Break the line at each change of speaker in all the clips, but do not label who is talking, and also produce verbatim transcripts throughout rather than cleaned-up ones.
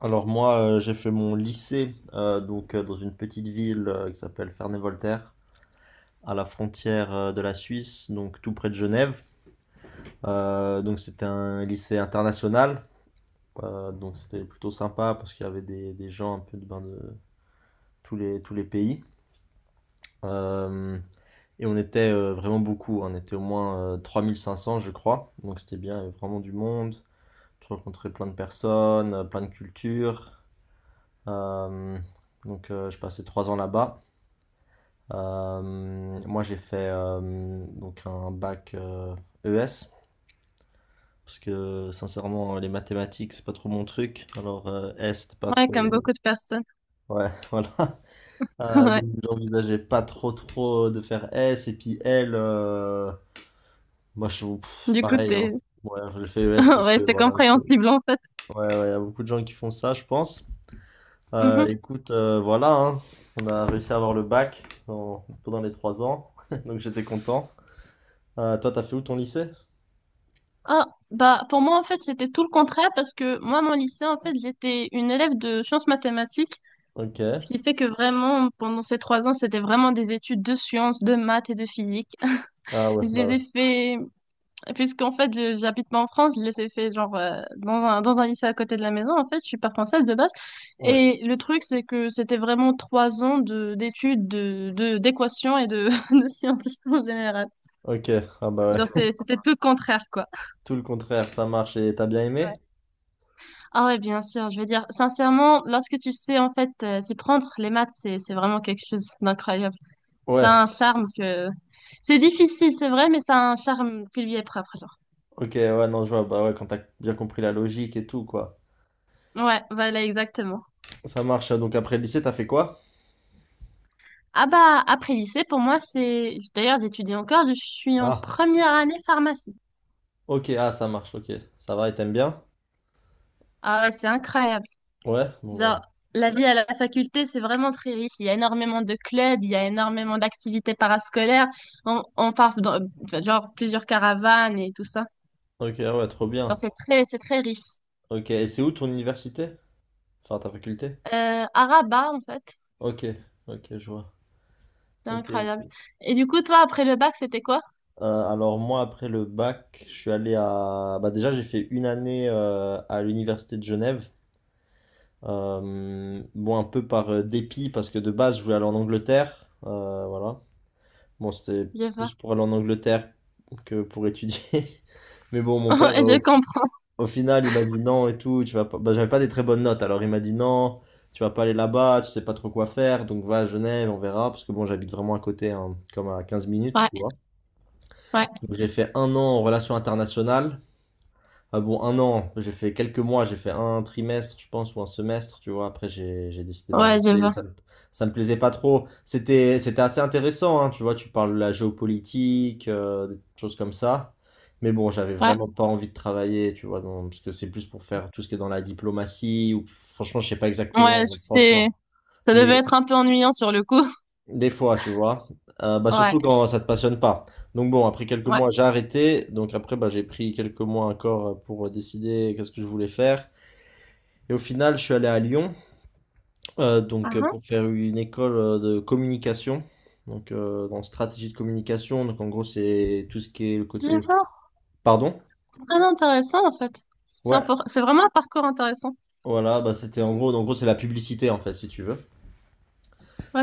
Alors moi, euh, j'ai fait mon lycée euh, donc euh, dans une petite ville euh, qui s'appelle Ferney-Voltaire, à la frontière euh, de la Suisse, donc tout près de Genève. Euh, donc c'était un lycée international. Euh, donc c'était plutôt sympa parce qu'il y avait des, des gens un peu de, ben, de tous les, tous les pays. Euh, et on était euh, vraiment beaucoup, hein. On était au moins euh, trois mille cinq cents, je crois, donc c'était bien, il y avait vraiment du monde, tu rencontrais plein de personnes, euh, plein de cultures. Euh, donc euh, je passais trois ans là-bas. Euh, moi, j'ai fait euh, donc un bac euh, E S parce que sincèrement, les mathématiques, c'est pas trop mon truc. Alors, euh, S, c'était pas
Ouais, comme
trop.
beaucoup de personnes.
Ouais, voilà. Euh,
Ouais.
donc, j'envisageais pas trop trop de faire S et puis L. euh, Moi, je pff,
Du coup,
pareil.
t'es...
Hein. Ouais, j'ai fait E S parce
Ouais,
que
c'est
voilà. c'est-
compréhensible, en fait.
Ouais, ouais, il y a beaucoup de gens qui font ça, je pense. Euh,
Mhm.
écoute, euh, voilà. Hein. On a réussi à avoir le bac dans- pendant les trois ans, donc j'étais content. Euh, toi, t'as fait où ton lycée?
Ah, bah, pour moi, en fait, c'était tout le contraire parce que moi, mon lycée, en fait, j'étais une élève de sciences mathématiques,
Ok.
ce qui fait que vraiment, pendant ces trois ans, c'était vraiment des études de sciences, de maths et de physique.
Ah ouais,
Je
bah
les
ouais.
ai fait. Puisqu'en fait, je- j'habite pas en France, je les ai fait genre euh, dans un, dans un lycée à côté de la maison. En fait, je suis pas française de base.
Ouais.
Et le truc, c'est que c'était vraiment trois ans de d'études, de, de, d'équations et de, de sciences en général.
Ok, ah bah
Genre,
ouais.
c'est- c'était tout le contraire, quoi.
Tout le contraire, ça marche et t'as bien
Ouais.
aimé?
Ah ouais, bien sûr. Je veux dire, sincèrement, lorsque tu sais en fait euh, s'y prendre, les maths, c'est c'est vraiment quelque chose d'incroyable. Ça
Ouais.
a un charme que c'est difficile, c'est vrai, mais ça a un charme qui lui est propre, genre.
Ok, ouais, non, je vois. Bah ouais, quand t'as bien compris la logique et tout, quoi.
Ouais, voilà, exactement.
Ça marche. Donc après le lycée, t'as fait quoi?
Ah bah, après lycée, pour moi, c'est... D'ailleurs, j'étudie encore, je suis en
Ah,
première année pharmacie.
ok, ah, ça marche, ok. Ça va et t'aimes bien?
Ah ouais, c'est incroyable.
Ouais, bon bah.
Genre, la vie à la faculté, c'est vraiment très riche. Il y a énormément de clubs, il y a énormément d'activités parascolaires. On, on part dans, enfin, genre, plusieurs caravanes et tout ça.
Ok, ah ouais, trop
Genre,
bien.
c'est très, c'est très riche.
Ok, et c'est où ton université? Enfin, ta faculté?
Euh, à Rabat, en fait,
Ok, ok, je vois.
c'est
Ok,
incroyable.
ok.
Et du coup, toi, après le bac, c'était quoi?
Euh, alors moi, après le bac, je suis allé à... Bah déjà, j'ai fait une année euh, à l'université de Genève. Euh, bon, un peu par euh, dépit, parce que de base, je voulais aller en Angleterre. Euh, voilà. Bon, c'était
Je vois.
plus pour aller en Angleterre que pour étudier. Mais bon, mon père,
Ouais,
euh,
je
au,
comprends.
au final, il m'a dit non et tout. Tu vas pas... bah, j'avais pas des très bonnes notes. Alors, il m'a dit non, tu vas pas aller là-bas, tu sais pas trop quoi faire. Donc, va à Genève, on verra. Parce que bon, j'habite vraiment à côté, hein, comme à quinze minutes,
Ouais,
tu vois.
ouais,
Donc, j'ai fait un an en relations internationales. Ah bon, un an, j'ai fait quelques mois, j'ai fait un trimestre, je pense, ou un semestre, tu vois. Après, j'ai j'ai décidé
ouais, je
d'arrêter.
vois.
Ça me, ça me plaisait pas trop. C'était c'était assez intéressant, hein, tu vois. Tu parles de la géopolitique, euh, des choses comme ça. Mais bon, j'avais
Ouais,
vraiment pas envie de travailler, tu vois, dans- parce que c'est plus pour faire tout ce qui est dans la diplomatie, ou franchement, je sais pas
ouais,
exactement,
c'est...
franchement.
Ça devait
Mais
être un peu ennuyant sur le coup.
des fois, tu vois. Euh, bah,
Ouais.
surtout quand ça te passionne pas. Donc bon, après quelques
Ouais.
mois, j'ai arrêté. Donc après, bah, j'ai pris quelques mois encore euh, pour euh, décider qu'est-ce que je voulais faire. Et au final, je suis allé à Lyon, euh,
Ah,
donc euh,
hein.
pour faire une école euh, de communication. Donc euh, dans stratégie de communication. Donc en gros, c'est tout ce qui est le
Je...
côté. Pardon?
Très intéressant, en fait. C'est
Ouais.
impor- c'est vraiment un parcours intéressant.
Voilà, bah c'était en gros, en gros c'est la publicité en fait, si tu veux.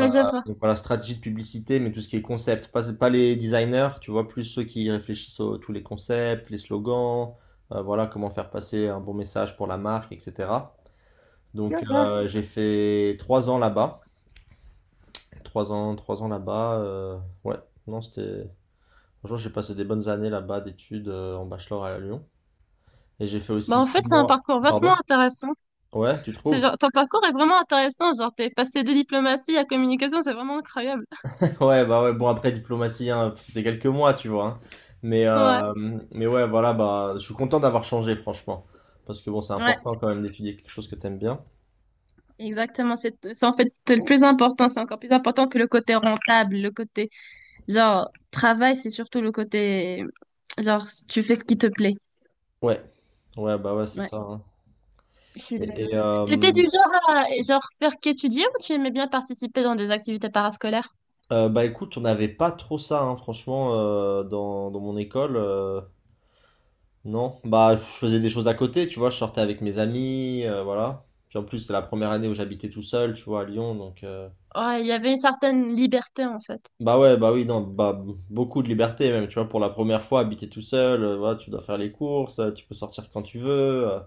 Euh,
je vois.
donc voilà, stratégie de publicité, mais tout ce qui est concept, pas, pas les designers, tu vois, plus ceux qui réfléchissent à tous les concepts, les slogans, euh, voilà, comment faire passer un bon message pour la marque, et cetera.
Je
Donc
vois.
euh, j'ai fait trois ans là-bas, trois ans, trois ans là-bas, euh, ouais, non, c'était, franchement, j'ai passé des bonnes années là-bas d'études euh, en bachelor à Lyon, et j'ai fait
Bah,
aussi
en fait,
six
c'est un
mois,
parcours
pardon,
vachement intéressant.
ouais, tu
C'est
trouves?
genre, ton parcours est vraiment intéressant. Genre, t'es passé de diplomatie à communication, c'est vraiment incroyable.
Ouais, bah ouais, bon après diplomatie, hein, c'était quelques mois, tu vois. Hein. Mais,
Ouais.
euh, mais ouais, voilà, bah je suis content d'avoir changé, franchement. Parce que bon, c'est
Ouais.
important quand même d'étudier quelque chose que t'aimes bien.
Exactement. C'est, c'est en fait, c'est le plus important. C'est encore plus important que le côté rentable, le côté, genre, travail, c'est surtout le côté, genre, tu fais ce qui te plaît.
Ouais, ouais, bah ouais, c'est
Ouais.
ça. Hein.
Je suis
Et,
d'accord.
et,
T'étais du
euh,
genre à genre faire qu'étudier ou tu aimais bien participer dans des activités parascolaires?
euh, bah écoute, on n'avait pas trop ça, hein, franchement, euh, dans, dans mon école. Euh, non, bah je faisais des choses à côté, tu vois, je sortais avec mes amis, euh, voilà. Puis en plus, c'est la première année où j'habitais tout seul, tu vois, à Lyon, donc... euh,
Ouais, il y avait une certaine liberté en fait.
Bah ouais, bah oui, non, bah b- beaucoup de liberté même, tu vois, pour la première fois, habiter tout seul, euh, voilà, tu dois faire les courses, euh, tu peux sortir quand tu veux. euh,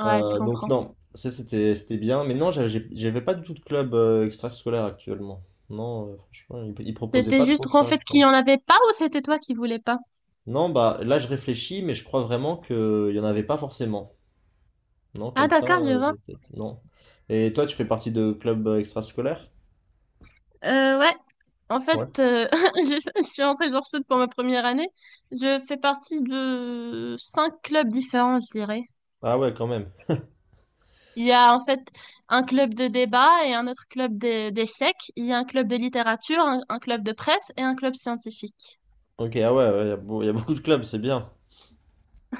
Ouais, je
euh, donc
comprends.
non, ça c'était c'était bien, mais non, j'avais j'ai- j'avais pas du tout de club euh, extrascolaire actuellement. Non, euh, franchement, ils, ils proposaient
C'était
pas trop
juste qu'en
ça, je
fait qu'il n'y
crois.
en avait pas ou c'était toi qui voulais pas?
Non, bah là je réfléchis, mais je crois vraiment que il y en avait pas forcément. Non,
Ah
comme ça,
d'accord, je
euh,
vois.
de tête, non. Et toi, tu fais partie de club euh, extrascolaire?
Euh, ouais. En fait,
Ouais.
euh, je, je suis en Sèche sud pour ma première année. Je fais partie de cinq clubs différents, je dirais.
Ah ouais, quand même.
Il y a en fait un club de débat et un autre club de- d'échecs. Il y a un club de littérature, un un club de presse et un club scientifique.
Ok, ah ouais, il y a beau- y a beaucoup de clubs, c'est bien,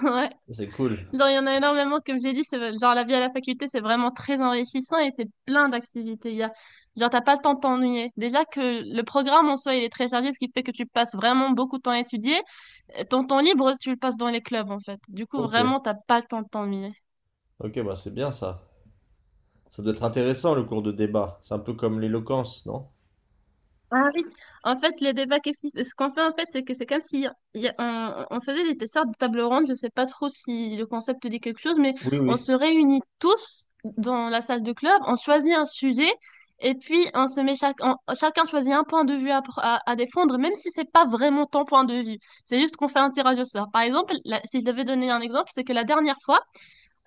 Ouais.
c'est cool.
Genre, il y en a énormément, comme j'ai dit, c'est genre la vie à la faculté, c'est vraiment très enrichissant et c'est plein d'activités. Il y a, genre, t'as pas le temps de t'ennuyer. Déjà que le programme en soi, il est très chargé, ce qui fait que tu passes vraiment beaucoup de temps à étudier. Et ton temps libre, tu le passes dans les clubs, en fait. Du coup,
Ok.
vraiment, t'as pas le temps de t'ennuyer.
Ok, bah c'est bien ça. Ça doit être intéressant le cours de débat. C'est un peu comme l'éloquence, non?
Ah oui, en fait, le débat, qu'est-ce qui- ce qu'on fait en fait, c'est que c'est comme si il y a- on, on faisait des, des sortes de tables rondes, je sais pas trop si le concept dit quelque chose, mais
Oui,
on
oui.
se réunit tous dans la salle de club, on choisit un sujet et puis on se met chaque, on- chacun choisit un point de vue à, pr- à, à défendre, même si c'est pas vraiment ton point de vue. C'est juste qu'on fait un tirage au sort. Par exemple, la- si je devais donner un exemple, c'est que la dernière fois,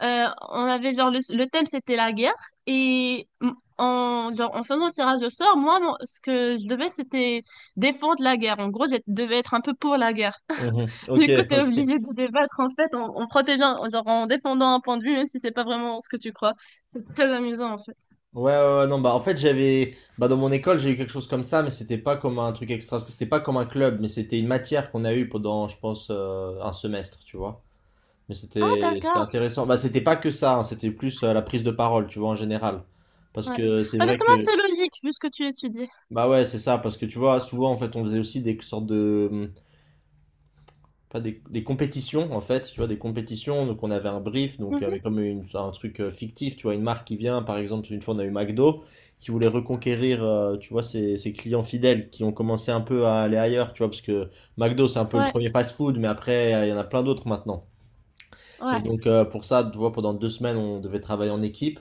euh, on avait genre le, le thème c'était la guerre et m- en genre en faisant le tirage au sort, moi mon- ce que je devais c'était défendre la guerre. En gros, je devais être un peu pour la guerre.
Mhm. Ok,
Du coup, t'es obligé
ok.
de débattre en fait en, en protégeant, en- genre en défendant un point de vue même si c'est pas vraiment ce que tu crois. C'est très amusant en fait.
Ouais, ouais, ouais, non, bah en fait j'avais, bah dans mon école j'ai eu quelque chose comme ça, mais c'était pas comme un truc extra, c'était pas comme un club, mais c'était une matière qu'on a eue pendant, je pense, euh, un semestre, tu vois. Mais
Ah
c'était, c'était
d'accord.
intéressant. Bah c'était pas que ça, hein, c'était plus euh, la prise de parole, tu vois, en général. Parce
Ouais.
que c'est vrai
Honnêtement,
que,
c'est logique vu ce que tu étudies.
bah ouais, c'est ça, parce que tu vois, souvent en fait on faisait aussi des sortes de, mmh, pas des, des compétitions en fait, tu vois, des compétitions. Donc on avait un brief, donc
Mhm.
avec comme une- un truc euh, fictif, tu vois, une marque qui vient, par exemple, une fois on a eu McDo qui voulait reconquérir, euh, tu vois, ses, ses clients fidèles qui ont commencé un peu à aller ailleurs, tu vois, parce que McDo c'est un peu le
Ouais,
premier fast-food, mais après euh, il y en a plein d'autres maintenant. Et
ouais,
donc euh, pour ça, tu vois, pendant deux semaines on devait travailler en équipe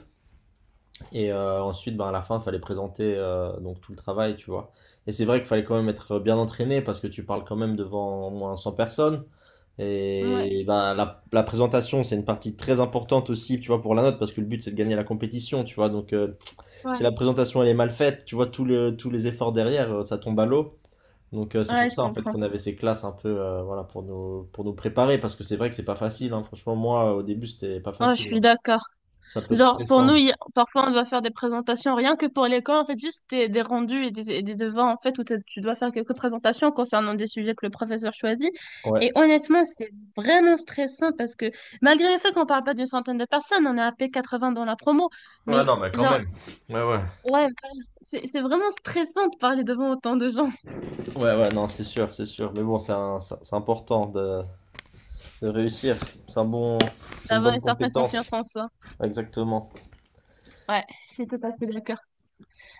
et euh, ensuite, ben, à la fin, il fallait présenter euh, donc tout le travail, tu vois. Et c'est vrai qu'il fallait quand même être bien entraîné parce que tu parles quand même devant au moins cent personnes.
ouais,
Et ben, la, la présentation, c'est une partie très importante aussi, tu vois, pour la note, parce que le but, c'est de gagner la compétition, tu vois. Donc, euh, si
ouais.
la présentation, elle est mal faite, tu vois, tout le- tous les efforts derrière, euh, ça tombe à l'eau. Donc, euh, c'est
Ouais,
pour
je
ça, en fait,
comprends.
qu'on avait ces classes un peu, euh, voilà, pour nous, pour nous préparer, parce que c'est vrai que c'est pas facile, hein. Franchement, moi, au début, c'était pas
Oh, je
facile, hein.
suis d'accord.
Ça peut être
Genre, pour
stressant.
nous, il y a- parfois, on doit faire des présentations, rien que pour l'école, en fait, juste des, des rendus et des, et des devants, en fait, où t'as- tu dois faire quelques présentations concernant des sujets que le professeur choisit.
Ouais.
Et honnêtement, c'est vraiment stressant parce que, malgré le fait qu'on parle pas d'une centaine de personnes, on est à p quatre-vingts dans la promo,
Ouais,
mais
non, mais quand
genre,
même. Ouais, ouais.
ouais, voilà, c'est, c'est vraiment stressant de parler devant autant de gens,
Ouais, ouais, non, c'est sûr, c'est sûr. Mais bon, c'est un- c'est c'est important de, de réussir. C'est un bon, c'est une
d'avoir
bonne
une certaine
compétence.
confiance en soi.
Exactement.
Ouais, je suis tout à fait d'accord.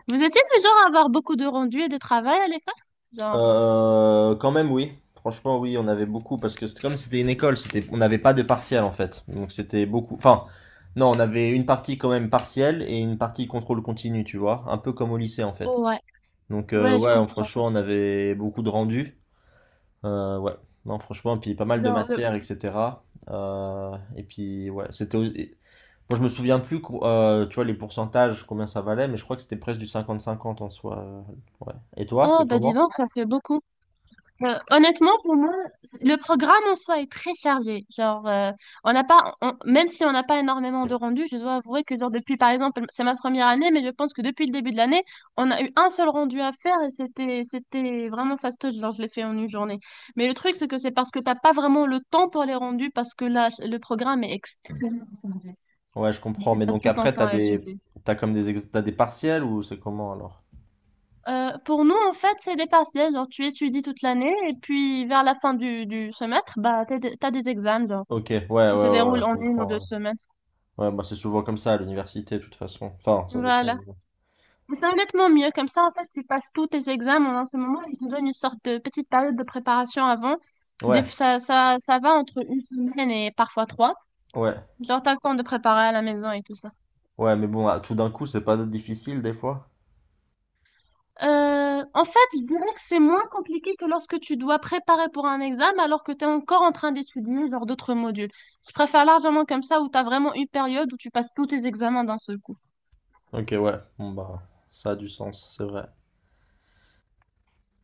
Vous étiez du genre à avoir beaucoup de rendus et de travail à l'école? Genre,
Euh, quand même, oui. Franchement, oui, on avait beaucoup parce que c'était comme si c'était une école, c'était, on n'avait pas de partiel en fait. Donc c'était beaucoup. Enfin, non, on avait une partie quand même partielle et une partie contrôle continu, tu vois, un peu comme au lycée en
oh
fait.
ouais,
Donc euh,
ouais, je
ouais, on-
comprends.
franchement, on avait beaucoup de rendus. Euh, ouais, non, franchement, puis pas mal de matières, et cetera. Euh, et puis ouais, c'était. aux- et- Moi, je me souviens plus, co- euh, tu vois, les pourcentages, combien ça valait, mais je crois que c'était presque du cinquante cinquante en soi. euh, Ouais. Et toi, c'est
Oh, bah dis
comment?
donc, ça fait beaucoup. Euh, honnêtement, pour moi, le programme en soi est très chargé. Genre, euh, on n'a pas, on- même si on n'a pas énormément de rendus, je dois avouer que genre depuis, par exemple, c'est ma première année, mais je pense que depuis le début de l'année, on a eu un seul rendu à faire et c'était, c'était vraiment fastoche. Genre, je l'ai fait en une journée. Mais le truc, c'est que c'est parce que t'as pas vraiment le temps pour les rendus parce que là, le programme est extrême.
Ouais, je comprends.
Tu
Mais
passes
donc
tout ton
après,
temps
t'as
à
des,
étudier.
t'as comme des, ex- t'as des partiels ou c'est comment alors?
Euh, pour nous, en fait, c'est des partiels. Genre, tu étudies toute l'année et puis vers la fin du, du semestre, bah, t'as des, t'as des examens genre,
Ok, ouais, ouais, ouais,
qui se
ouais, ouais,
déroulent
je
en une ou deux
comprends.
semaines.
Ouais, Ouais, bah c'est souvent comme ça à l'université de toute façon. Enfin, ça dépend.
Voilà.
Mais bon.
Mais c'est honnêtement mieux. Comme ça, en fait, tu passes tous tes examens en un seul moment. Ils te donnent une sorte de petite période de préparation avant. Des-
Ouais,
ça, ça, ça va entre une semaine et parfois trois.
ouais,
Genre, t'as le temps de préparer à la maison et tout ça.
ouais, mais bon, ah, tout d'un coup, c'est pas difficile des fois.
Euh, en fait, je dirais que c'est moins compliqué que lorsque tu dois préparer pour un examen alors que tu es encore en train d'étudier genre d'autres modules. Je préfère largement comme ça où tu as vraiment une période où tu passes tous tes examens d'un seul coup.
Ok, ouais, bon bah, ça a du sens, c'est vrai.